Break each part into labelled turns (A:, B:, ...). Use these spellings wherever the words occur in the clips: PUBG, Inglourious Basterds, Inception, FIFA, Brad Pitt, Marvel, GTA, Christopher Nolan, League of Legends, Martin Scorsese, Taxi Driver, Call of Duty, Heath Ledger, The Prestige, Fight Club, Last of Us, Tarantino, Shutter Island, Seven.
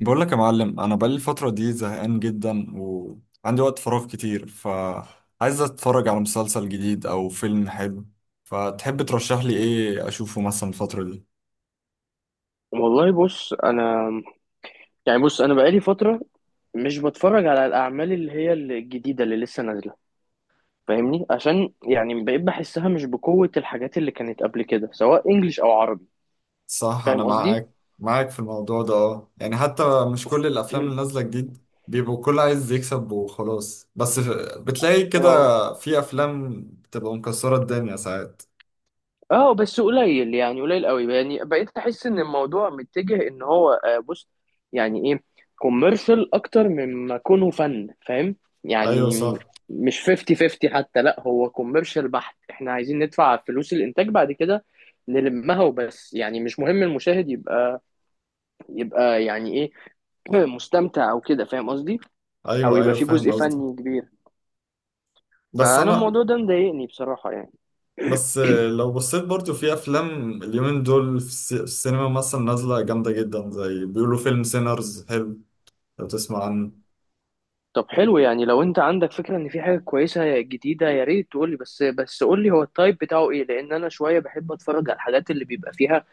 A: بقول لك يا معلم، انا بقالي الفتره دي زهقان جدا وعندي وقت فراغ كتير، فعايز اتفرج على مسلسل جديد او فيلم حلو. فتحب ترشح لي ايه اشوفه مثلا الفتره دي؟
B: والله بص انا بقالي فتره، مش بتفرج على الاعمال اللي هي الجديده اللي لسه نازله. فاهمني؟ عشان يعني بقيت بحسها مش بقوه الحاجات اللي كانت قبل كده، سواء انجليش او عربي.
A: صح، انا
B: فاهم قصدي.
A: معاك في الموضوع ده. اه يعني حتى مش كل الافلام
B: مم.
A: اللي نازله جديد بيبقوا كل عايز يكسب وخلاص، بس بتلاقي كده
B: اه
A: في افلام بتبقى مكسره الدنيا ساعات.
B: اه. بس قليل، يعني قليل قوي. يعني بقيت احس ان الموضوع متجه ان هو، بص، يعني ايه، كوميرشال اكتر مما كونه فن. فاهم
A: ايوه
B: يعني؟
A: صح.
B: مش 50 50 حتى، لا هو كوميرشال بحت. احنا عايزين ندفع فلوس الانتاج بعد كده نلمها وبس، يعني مش مهم المشاهد يبقى يعني ايه، مستمتع او كده. فاهم قصدي؟ او
A: ايوه
B: يبقى
A: ايوه
B: في جزء
A: فاهم قصدك.
B: فني كبير.
A: بس
B: فانا
A: انا،
B: الموضوع ده مضايقني بصراحة يعني.
A: بس لو بصيت برضو في افلام اليومين دول في في السينما مثلا نازله جامده جدا، زي بيقولوا فيلم سينرز حلو، لو تسمع عنه.
B: طب حلو، يعني لو انت عندك فكرة ان في حاجة كويسة جديدة يا ريت تقولي. بس قولي هو التايب بتاعه ايه، لان انا شوية بحب اتفرج على الحاجات اللي بيبقى فيها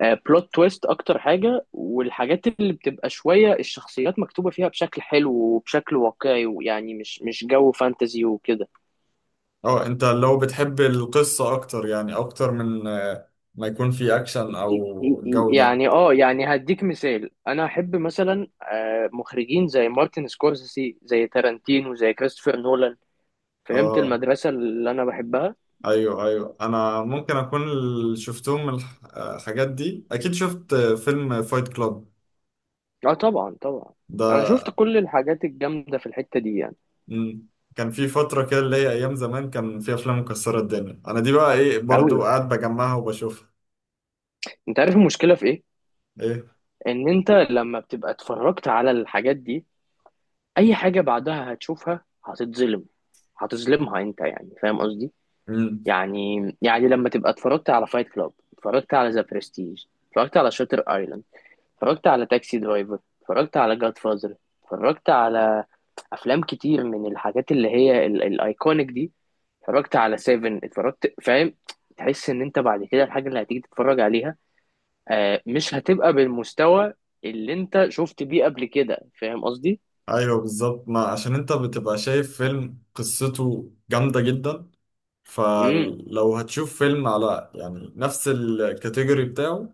B: بلوت تويست اكتر حاجة، والحاجات اللي بتبقى شوية الشخصيات مكتوبة فيها بشكل حلو وبشكل واقعي، ويعني مش جو فانتزي وكده.
A: اه، انت لو بتحب القصه اكتر، يعني اكتر من ما يكون في اكشن او جوده.
B: يعني اه، يعني هديك مثال، انا احب مثلا مخرجين زي مارتن سكورسيزي، زي تارانتينو، زي كريستوفر نولان. فهمت
A: اه
B: المدرسة اللي انا بحبها.
A: ايوه ايوه، انا ممكن اكون اللي شفتهم من الحاجات دي. اكيد شفت فيلم فايت كلاب
B: اه طبعا طبعا، انا شفت
A: ده.
B: كل الحاجات الجامده في الحته دي يعني.
A: مم. كان في فترة كده اللي هي أيام زمان كان في أفلام مكسرة الدنيا، أنا دي بقى إيه
B: قوي.
A: برضو قاعد بجمعها وبشوفها.
B: انت عارف المشكله في ايه؟
A: إيه؟
B: ان انت لما بتبقى اتفرجت على الحاجات دي، اي حاجه بعدها هتشوفها هتتظلم، هتظلمها انت. يعني فاهم قصدي؟
A: مم.
B: يعني يعني لما تبقى اتفرجت على فايت كلاب، اتفرجت على ذا برستيج، اتفرجت على شاتر ايلاند، اتفرجت على تاكسي درايفر، اتفرجت على جاد فازر، اتفرجت على افلام كتير من الحاجات اللي هي الايكونيك دي، اتفرجت على سيفن، اتفرجت. فاهم؟ تحس ان انت بعد كده الحاجه اللي هتيجي تتفرج عليها مش هتبقى بالمستوى اللي انت شفت بيه قبل كده. فاهم قصدي؟
A: أيوه بالظبط، ما عشان أنت بتبقى شايف فيلم قصته جامدة جدا،
B: امم
A: فلو هتشوف فيلم على يعني نفس الكاتيجوري بتاعه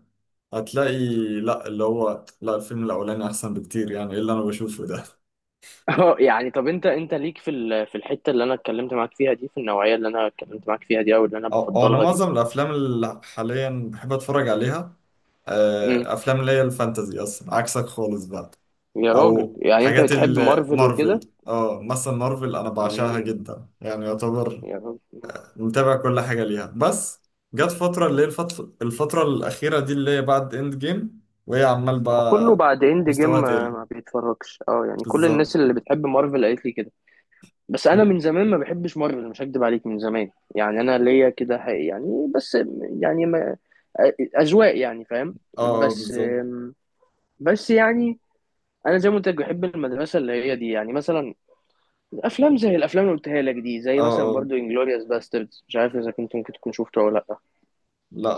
A: هتلاقي، لا اللي هو لا، الفيلم الأولاني أحسن بكتير. يعني إيه اللي أنا بشوفه ده؟
B: اه يعني، طب انت انت ليك في في الحته اللي انا اتكلمت معاك فيها دي، في النوعيه اللي انا اتكلمت معاك فيها دي او اللي انا
A: أو أنا
B: بفضلها دي؟
A: معظم الأفلام اللي حاليا بحب أتفرج عليها
B: امم.
A: أفلام اللي هي الفانتازي، أصلا عكسك خالص بقى.
B: يا راجل،
A: او
B: يعني انت
A: حاجات
B: بتحب مارفل وكده؟
A: المارفل، اه مثلا مارفل انا بعشقها
B: امم.
A: جدا، يعني يعتبر
B: يا راجل،
A: متابع كل حاجه ليها. بس جت فتره اللي هي الفتره الاخيره دي اللي هي بعد اند جيم وهي عمال
B: ما هو كله
A: بقى
B: بعد اند
A: مستواها
B: جيم ما
A: تقل.
B: ما بيتفرجش. اه يعني كل
A: بالظبط.
B: الناس اللي بتحب مارفل قالت لي كده. بس انا من
A: م-
B: زمان ما بحبش مارفل، مش هكدب عليك. من زمان يعني انا ليا كده يعني بس، يعني ما اذواق يعني. فاهم؟
A: اه اه
B: بس،
A: بالظبط.
B: بس يعني انا زي ما قلت لك بحب المدرسه اللي هي دي، يعني مثلا افلام زي الافلام اللي قلتها لك دي، زي
A: اه
B: مثلا
A: اه.
B: برضو انجلوريوس باستردز. مش عارف اذا كنت ممكن تكون شفته او لا.
A: لا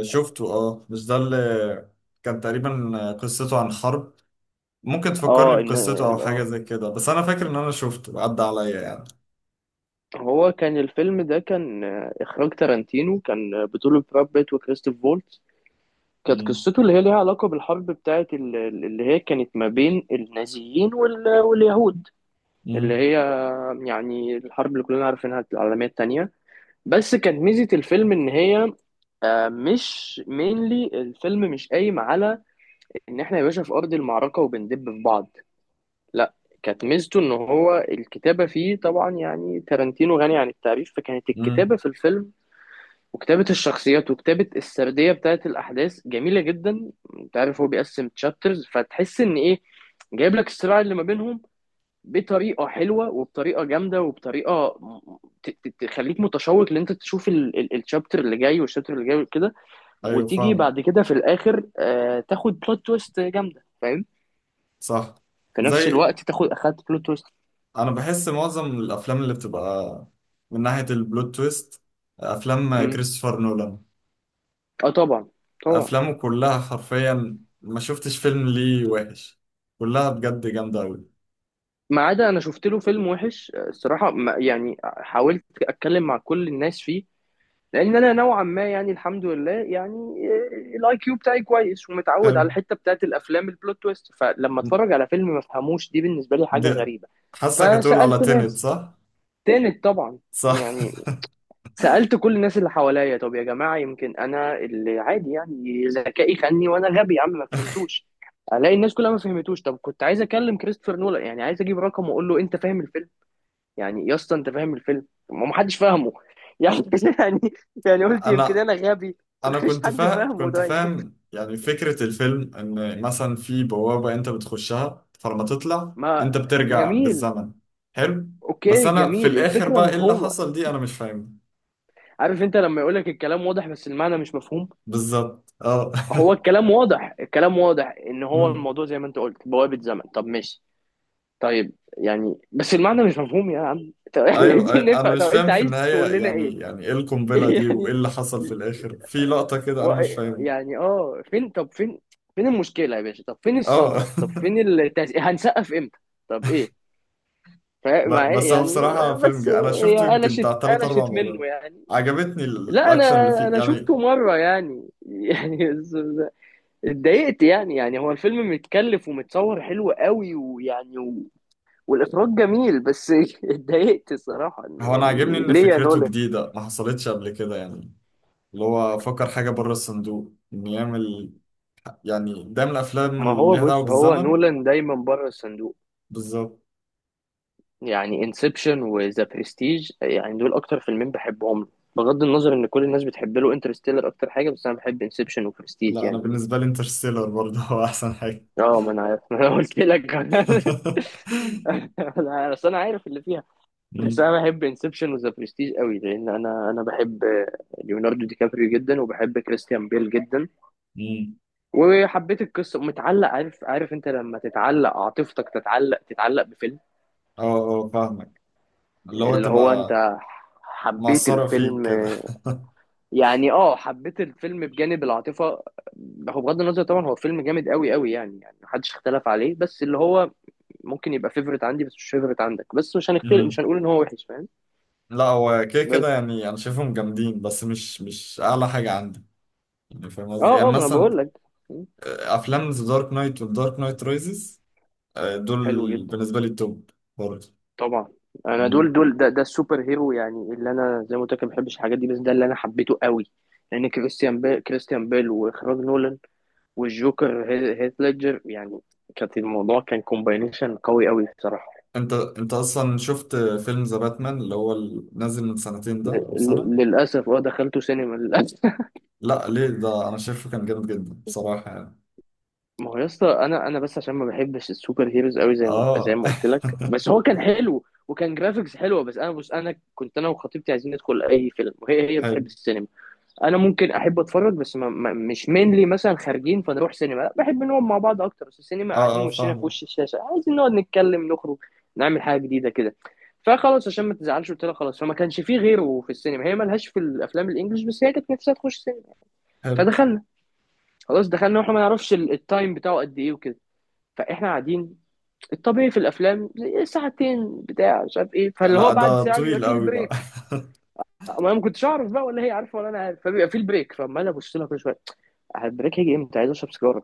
A: شفته. اه، مش ده اللي كان تقريبا قصته عن حرب؟ ممكن تفكرني
B: اه
A: بقصته او حاجه
B: اه،
A: زي كده، بس انا فاكر ان انا شفته عدى عليا يعني.
B: هو كان الفيلم ده كان إخراج تارانتينو، كان بطولة براد بيت وكريستوف فولتز. كانت
A: مم.
B: قصته اللي هي ليها علاقة بالحرب بتاعة اللي هي كانت ما بين النازيين واليهود. اللي
A: مم.
B: هي يعني الحرب اللي كلنا عارفينها، العالمية التانية. بس كانت ميزة الفيلم إن هي مش مينلي الفيلم مش قايم على ان احنا يا باشا في ارض المعركه وبندب في بعض. لا، كانت ميزته ان هو الكتابه فيه. طبعا يعني تارانتينو غني عن التعريف، فكانت الكتابه
A: مم.
B: في الفيلم وكتابة الشخصيات وكتابة السردية بتاعت الأحداث جميلة جدا. أنت عارف هو بيقسم تشابترز، فتحس إن إيه، جايب لك الصراع اللي ما بينهم بطريقة حلوة وبطريقة جامدة وبطريقة تخليك متشوق إن أنت تشوف الشابتر اللي جاي والشابتر اللي جاي وكده.
A: ايوه
B: وتيجي
A: فاهم.
B: بعد كده في الآخر تاخد بلوت تويست جامدة. فاهم؟
A: صح.
B: في نفس
A: زي،
B: الوقت تاخد، أخدت بلوت تويست.
A: انا بحس معظم الافلام اللي بتبقى من ناحية البلوت تويست، افلام
B: مم.
A: كريستوفر نولان.
B: أه طبعا طبعا.
A: افلامه كلها حرفيا ما شفتش فيلم ليه وحش، كلها بجد جامدة أوي.
B: ما عدا أنا شفت له فيلم وحش الصراحة يعني حاولت أتكلم مع كل الناس فيه، لان انا نوعا ما يعني الحمد لله يعني الاي كيو بتاعي كويس، ومتعود
A: حلو
B: على الحته بتاعت الافلام البلوت تويست، فلما اتفرج على فيلم ما فهموش دي بالنسبه لي حاجه
A: دي.
B: غريبه.
A: حاسك هتقول على
B: فسالت
A: تينت،
B: ناس
A: صح؟
B: تاني طبعا.
A: صح.
B: يعني سالت كل الناس اللي حواليا، طب يا جماعه يمكن انا اللي عادي يعني ذكائي خاني وانا غبي يا عم ما فهمتوش. الاقي الناس كلها ما فهمتوش. طب كنت عايز اكلم كريستوفر نولان، يعني عايز اجيب رقم واقول له انت فاهم الفيلم؟ يعني يا اسطى انت فاهم الفيلم؟ ما محدش فاهمه يعني. يعني يعني قلت يمكن
A: انا
B: انا غبي.
A: انا
B: مفيش حد فاهمه،
A: كنت
B: طيب.
A: فاهم يعني فكرة الفيلم ان مثلا في بوابة انت بتخشها، فلما تطلع
B: ما
A: انت بترجع
B: جميل.
A: بالزمن. حلو. بس
B: اوكي
A: انا في
B: جميل،
A: الاخر
B: الفكره
A: بقى ايه اللي
B: مفهومه.
A: حصل دي، انا مش فاهم.
B: عارف انت لما يقولك الكلام واضح بس المعنى مش مفهوم؟
A: بالظبط اه.
B: هو الكلام واضح، الكلام واضح ان هو
A: أمم.
B: الموضوع زي ما انت قلت بوابه زمن، طب ماشي. طيب يعني بس المعنى مش مفهوم يا عم، طب احنا
A: ايوه
B: عايزين
A: أيوة. انا
B: نفهم، طب
A: مش
B: انت
A: فاهم في
B: عايز تقول
A: النهاية،
B: لنا ايه؟
A: يعني يعني ايه القنبلة دي وايه
B: يعني
A: اللي حصل في الاخر في لقطة كده انا
B: و...
A: مش فاهمها.
B: يعني اه، فين؟ طب فين، فين المشكلة يا باشا؟ طب فين
A: اه.
B: الصدمة؟ طب فين هنسقف امتى؟ طب ايه مع إيه؟
A: بس هو
B: يعني
A: بصراحة فيلم
B: بس
A: جي. انا
B: هي
A: شفته يمكن
B: قلشت
A: بتاع تلات اربع
B: قلشت منه
A: مرات.
B: يعني.
A: عجبتني
B: لا
A: الاكشن
B: انا،
A: اللي فيه
B: انا
A: يعني.
B: شفته مرة يعني. يعني اتضايقت يعني. يعني هو الفيلم متكلف ومتصور حلو قوي، ويعني والاخراج جميل، بس اتضايقت الصراحة. إن
A: هو انا عاجبني
B: يعني
A: ان
B: ليه يا
A: فكرته
B: نولان؟
A: جديده، ما حصلتش قبل كده يعني، اللي هو فكر حاجه بره الصندوق ان يعمل، يعني ده من الافلام
B: ما
A: اللي
B: هو
A: ليها
B: بص،
A: دعوه
B: هو
A: بالزمن.
B: نولان دايما بره الصندوق.
A: بالظبط.
B: يعني انسبشن وذا برستيج، يعني دول اكتر فيلمين بحبهم له، بغض النظر ان كل الناس بتحب له انترستيلر اكتر حاجه، بس انا بحب انسبشن وبرستيج
A: لا انا
B: يعني.
A: بالنسبه لي انترستيلر برضه هو احسن حاجه.
B: اه ما انا عارف، ما انا قلت لك. انا اصل انا عارف اللي فيها. بس
A: أمم.
B: انا بحب انسبشن وذا برستيج قوي، لان انا بحب ليوناردو دي كابريو جدا، وبحب كريستيان بيل جدا.
A: أمم.
B: وحبيت القصه، متعلق. عارف انت لما تتعلق عاطفتك، تتعلق بفيلم،
A: اه اه فاهمك. اللي هو
B: اللي هو
A: تبقى
B: انت حبيت
A: مأثره فيك
B: الفيلم.
A: كده.
B: يعني اه، حبيت الفيلم بجانب العاطفه. هو بغض النظر طبعا هو فيلم جامد قوي قوي يعني، يعني محدش اختلف عليه. بس اللي هو ممكن يبقى فيفرت عندي بس مش فيفرت عندك، بس مش هنختلف، مش
A: أمم.
B: هنقول ان هو وحش. فاهم؟
A: لا هو كده كده
B: بس
A: يعني انا شايفهم جامدين، بس مش اعلى حاجه عندي، يعني فاهم قصدي.
B: اه
A: يعني
B: اه، ما انا
A: مثلا
B: بقول لك.
A: افلام ذا دارك نايت والدارك نايت رايزز،
B: حلو
A: دول
B: جدا.
A: بالنسبة لي التوب برضه.
B: طبعا انا دول
A: مم.
B: دول ده ده السوبر هيرو يعني، اللي انا زي ما قلت لك ما بحبش الحاجات دي، بس ده اللي انا حبيته قوي. لان كريستيان بيل واخراج نولان، والجوكر هيث ليدجر يعني، كانت الموضوع كان كومباينيشن قوي قوي بصراحه.
A: انت اصلا شفت فيلم ذا باتمان اللي هو نازل من سنتين ده او سنة؟
B: للاسف اه، دخلته سينما للاسف.
A: لا ليه، ده انا شايفه كان جامد جدا بصراحة يعني.
B: ما هو يا اسطى، انا بس عشان ما بحبش السوبر هيروز قوي زي ما
A: اه.
B: قلت لك، بس هو كان حلو وكان جرافيكس حلوه. بس انا بص، انا كنت انا وخطيبتي عايزين ندخل اي فيلم، وهي
A: حلو.
B: بتحب السينما. انا ممكن احب اتفرج بس ما مش مينلي مثلا خارجين فنروح سينما، لا بحب نقعد مع بعض اكتر. بس السينما
A: اه
B: قاعدين
A: اه
B: وشنا في
A: فاهمك.
B: وش الشاشه، عايزين نقعد نتكلم، نخرج نعمل حاجه جديده كده. فخلاص عشان ما تزعلش قلت لها خلاص، فما كانش فيه غيره في السينما، هي ملهاش في الافلام الانجليش، بس هي كانت نفسها تخش سينما،
A: حلو.
B: فدخلنا. خلاص دخلنا واحنا ما نعرفش التايم بتاعه قد ايه وكده. فاحنا قاعدين، الطبيعي في الافلام زي ساعتين بتاع مش عارف ايه، فاللي
A: لا
B: هو بعد
A: ده
B: ساعه بيبقى
A: طويل
B: فيه
A: قوي بقى.
B: البريك. ما انا ما كنتش اعرف بقى، ولا هي عارفه ولا انا عارف، فبيبقى فيه البريك. فعمال ابص لها كل شويه، البريك هيجي امتى؟ عايز اشرب سيجاره،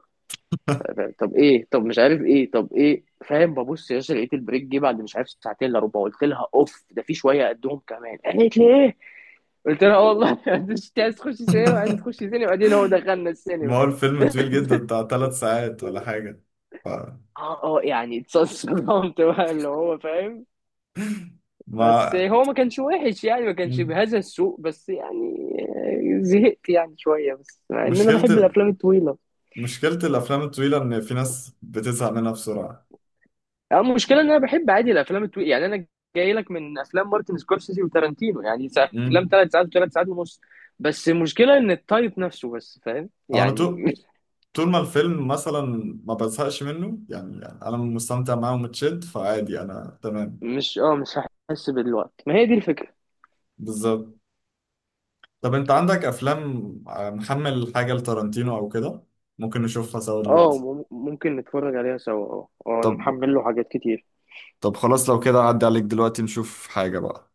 B: طب ايه، طب مش عارف ايه، طب ايه". فاهم؟ ببص يا باشا، لقيت البريك جه بعد مش عارف ساعتين الا ربع. قلت لها اوف ده في شويه قدهم كمان. قالت لي ايه؟ قلت لها اه والله. انت عايز تخش سينما، عايز تخش سينما، بعدين هو دخلنا السينما.
A: ما هو الفيلم طويل جدا بتاع 3 ساعات ولا حاجة. ف...
B: اه اه، يعني اتصدمت بقى. اللي هو فاهم. بس
A: ما.
B: هو ما كانش وحش يعني، ما كانش
A: مم.
B: بهذا السوء، بس يعني زهقت يعني شويه، بس مع ان انا
A: مشكلة
B: بحب
A: ال...
B: الافلام الطويله.
A: مشكلة الأفلام الطويلة إن في ناس بتزهق منها بسرعة.
B: يعني المشكله ان انا بحب عادي الافلام الطويله، يعني انا جاي لك من افلام مارتن سكورسيزي وتارانتينو، يعني افلام
A: مم.
B: 3 ساعات وثلاث ساعات ونص. بس المشكله ان التايب نفسه، بس فاهم
A: أو أنا
B: يعني.
A: تو،
B: مش
A: طول ما الفيلم مثلا ما بزهقش منه يعني، يعني انا مستمتع معاه ومتشد، فعادي انا تمام.
B: اه مش هحس بالوقت، ما هي دي الفكره.
A: بالظبط. طب انت عندك افلام محمل حاجة لتارانتينو او كده ممكن نشوفها سوا
B: اه
A: دلوقتي؟
B: ممكن نتفرج عليها سوا، اه اه انا
A: طب
B: محمل له حاجات كتير.
A: طب خلاص لو كده عدي عليك دلوقتي نشوف حاجة بقى.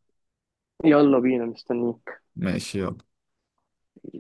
B: يلا بينا مستنيين.
A: ماشي يلا.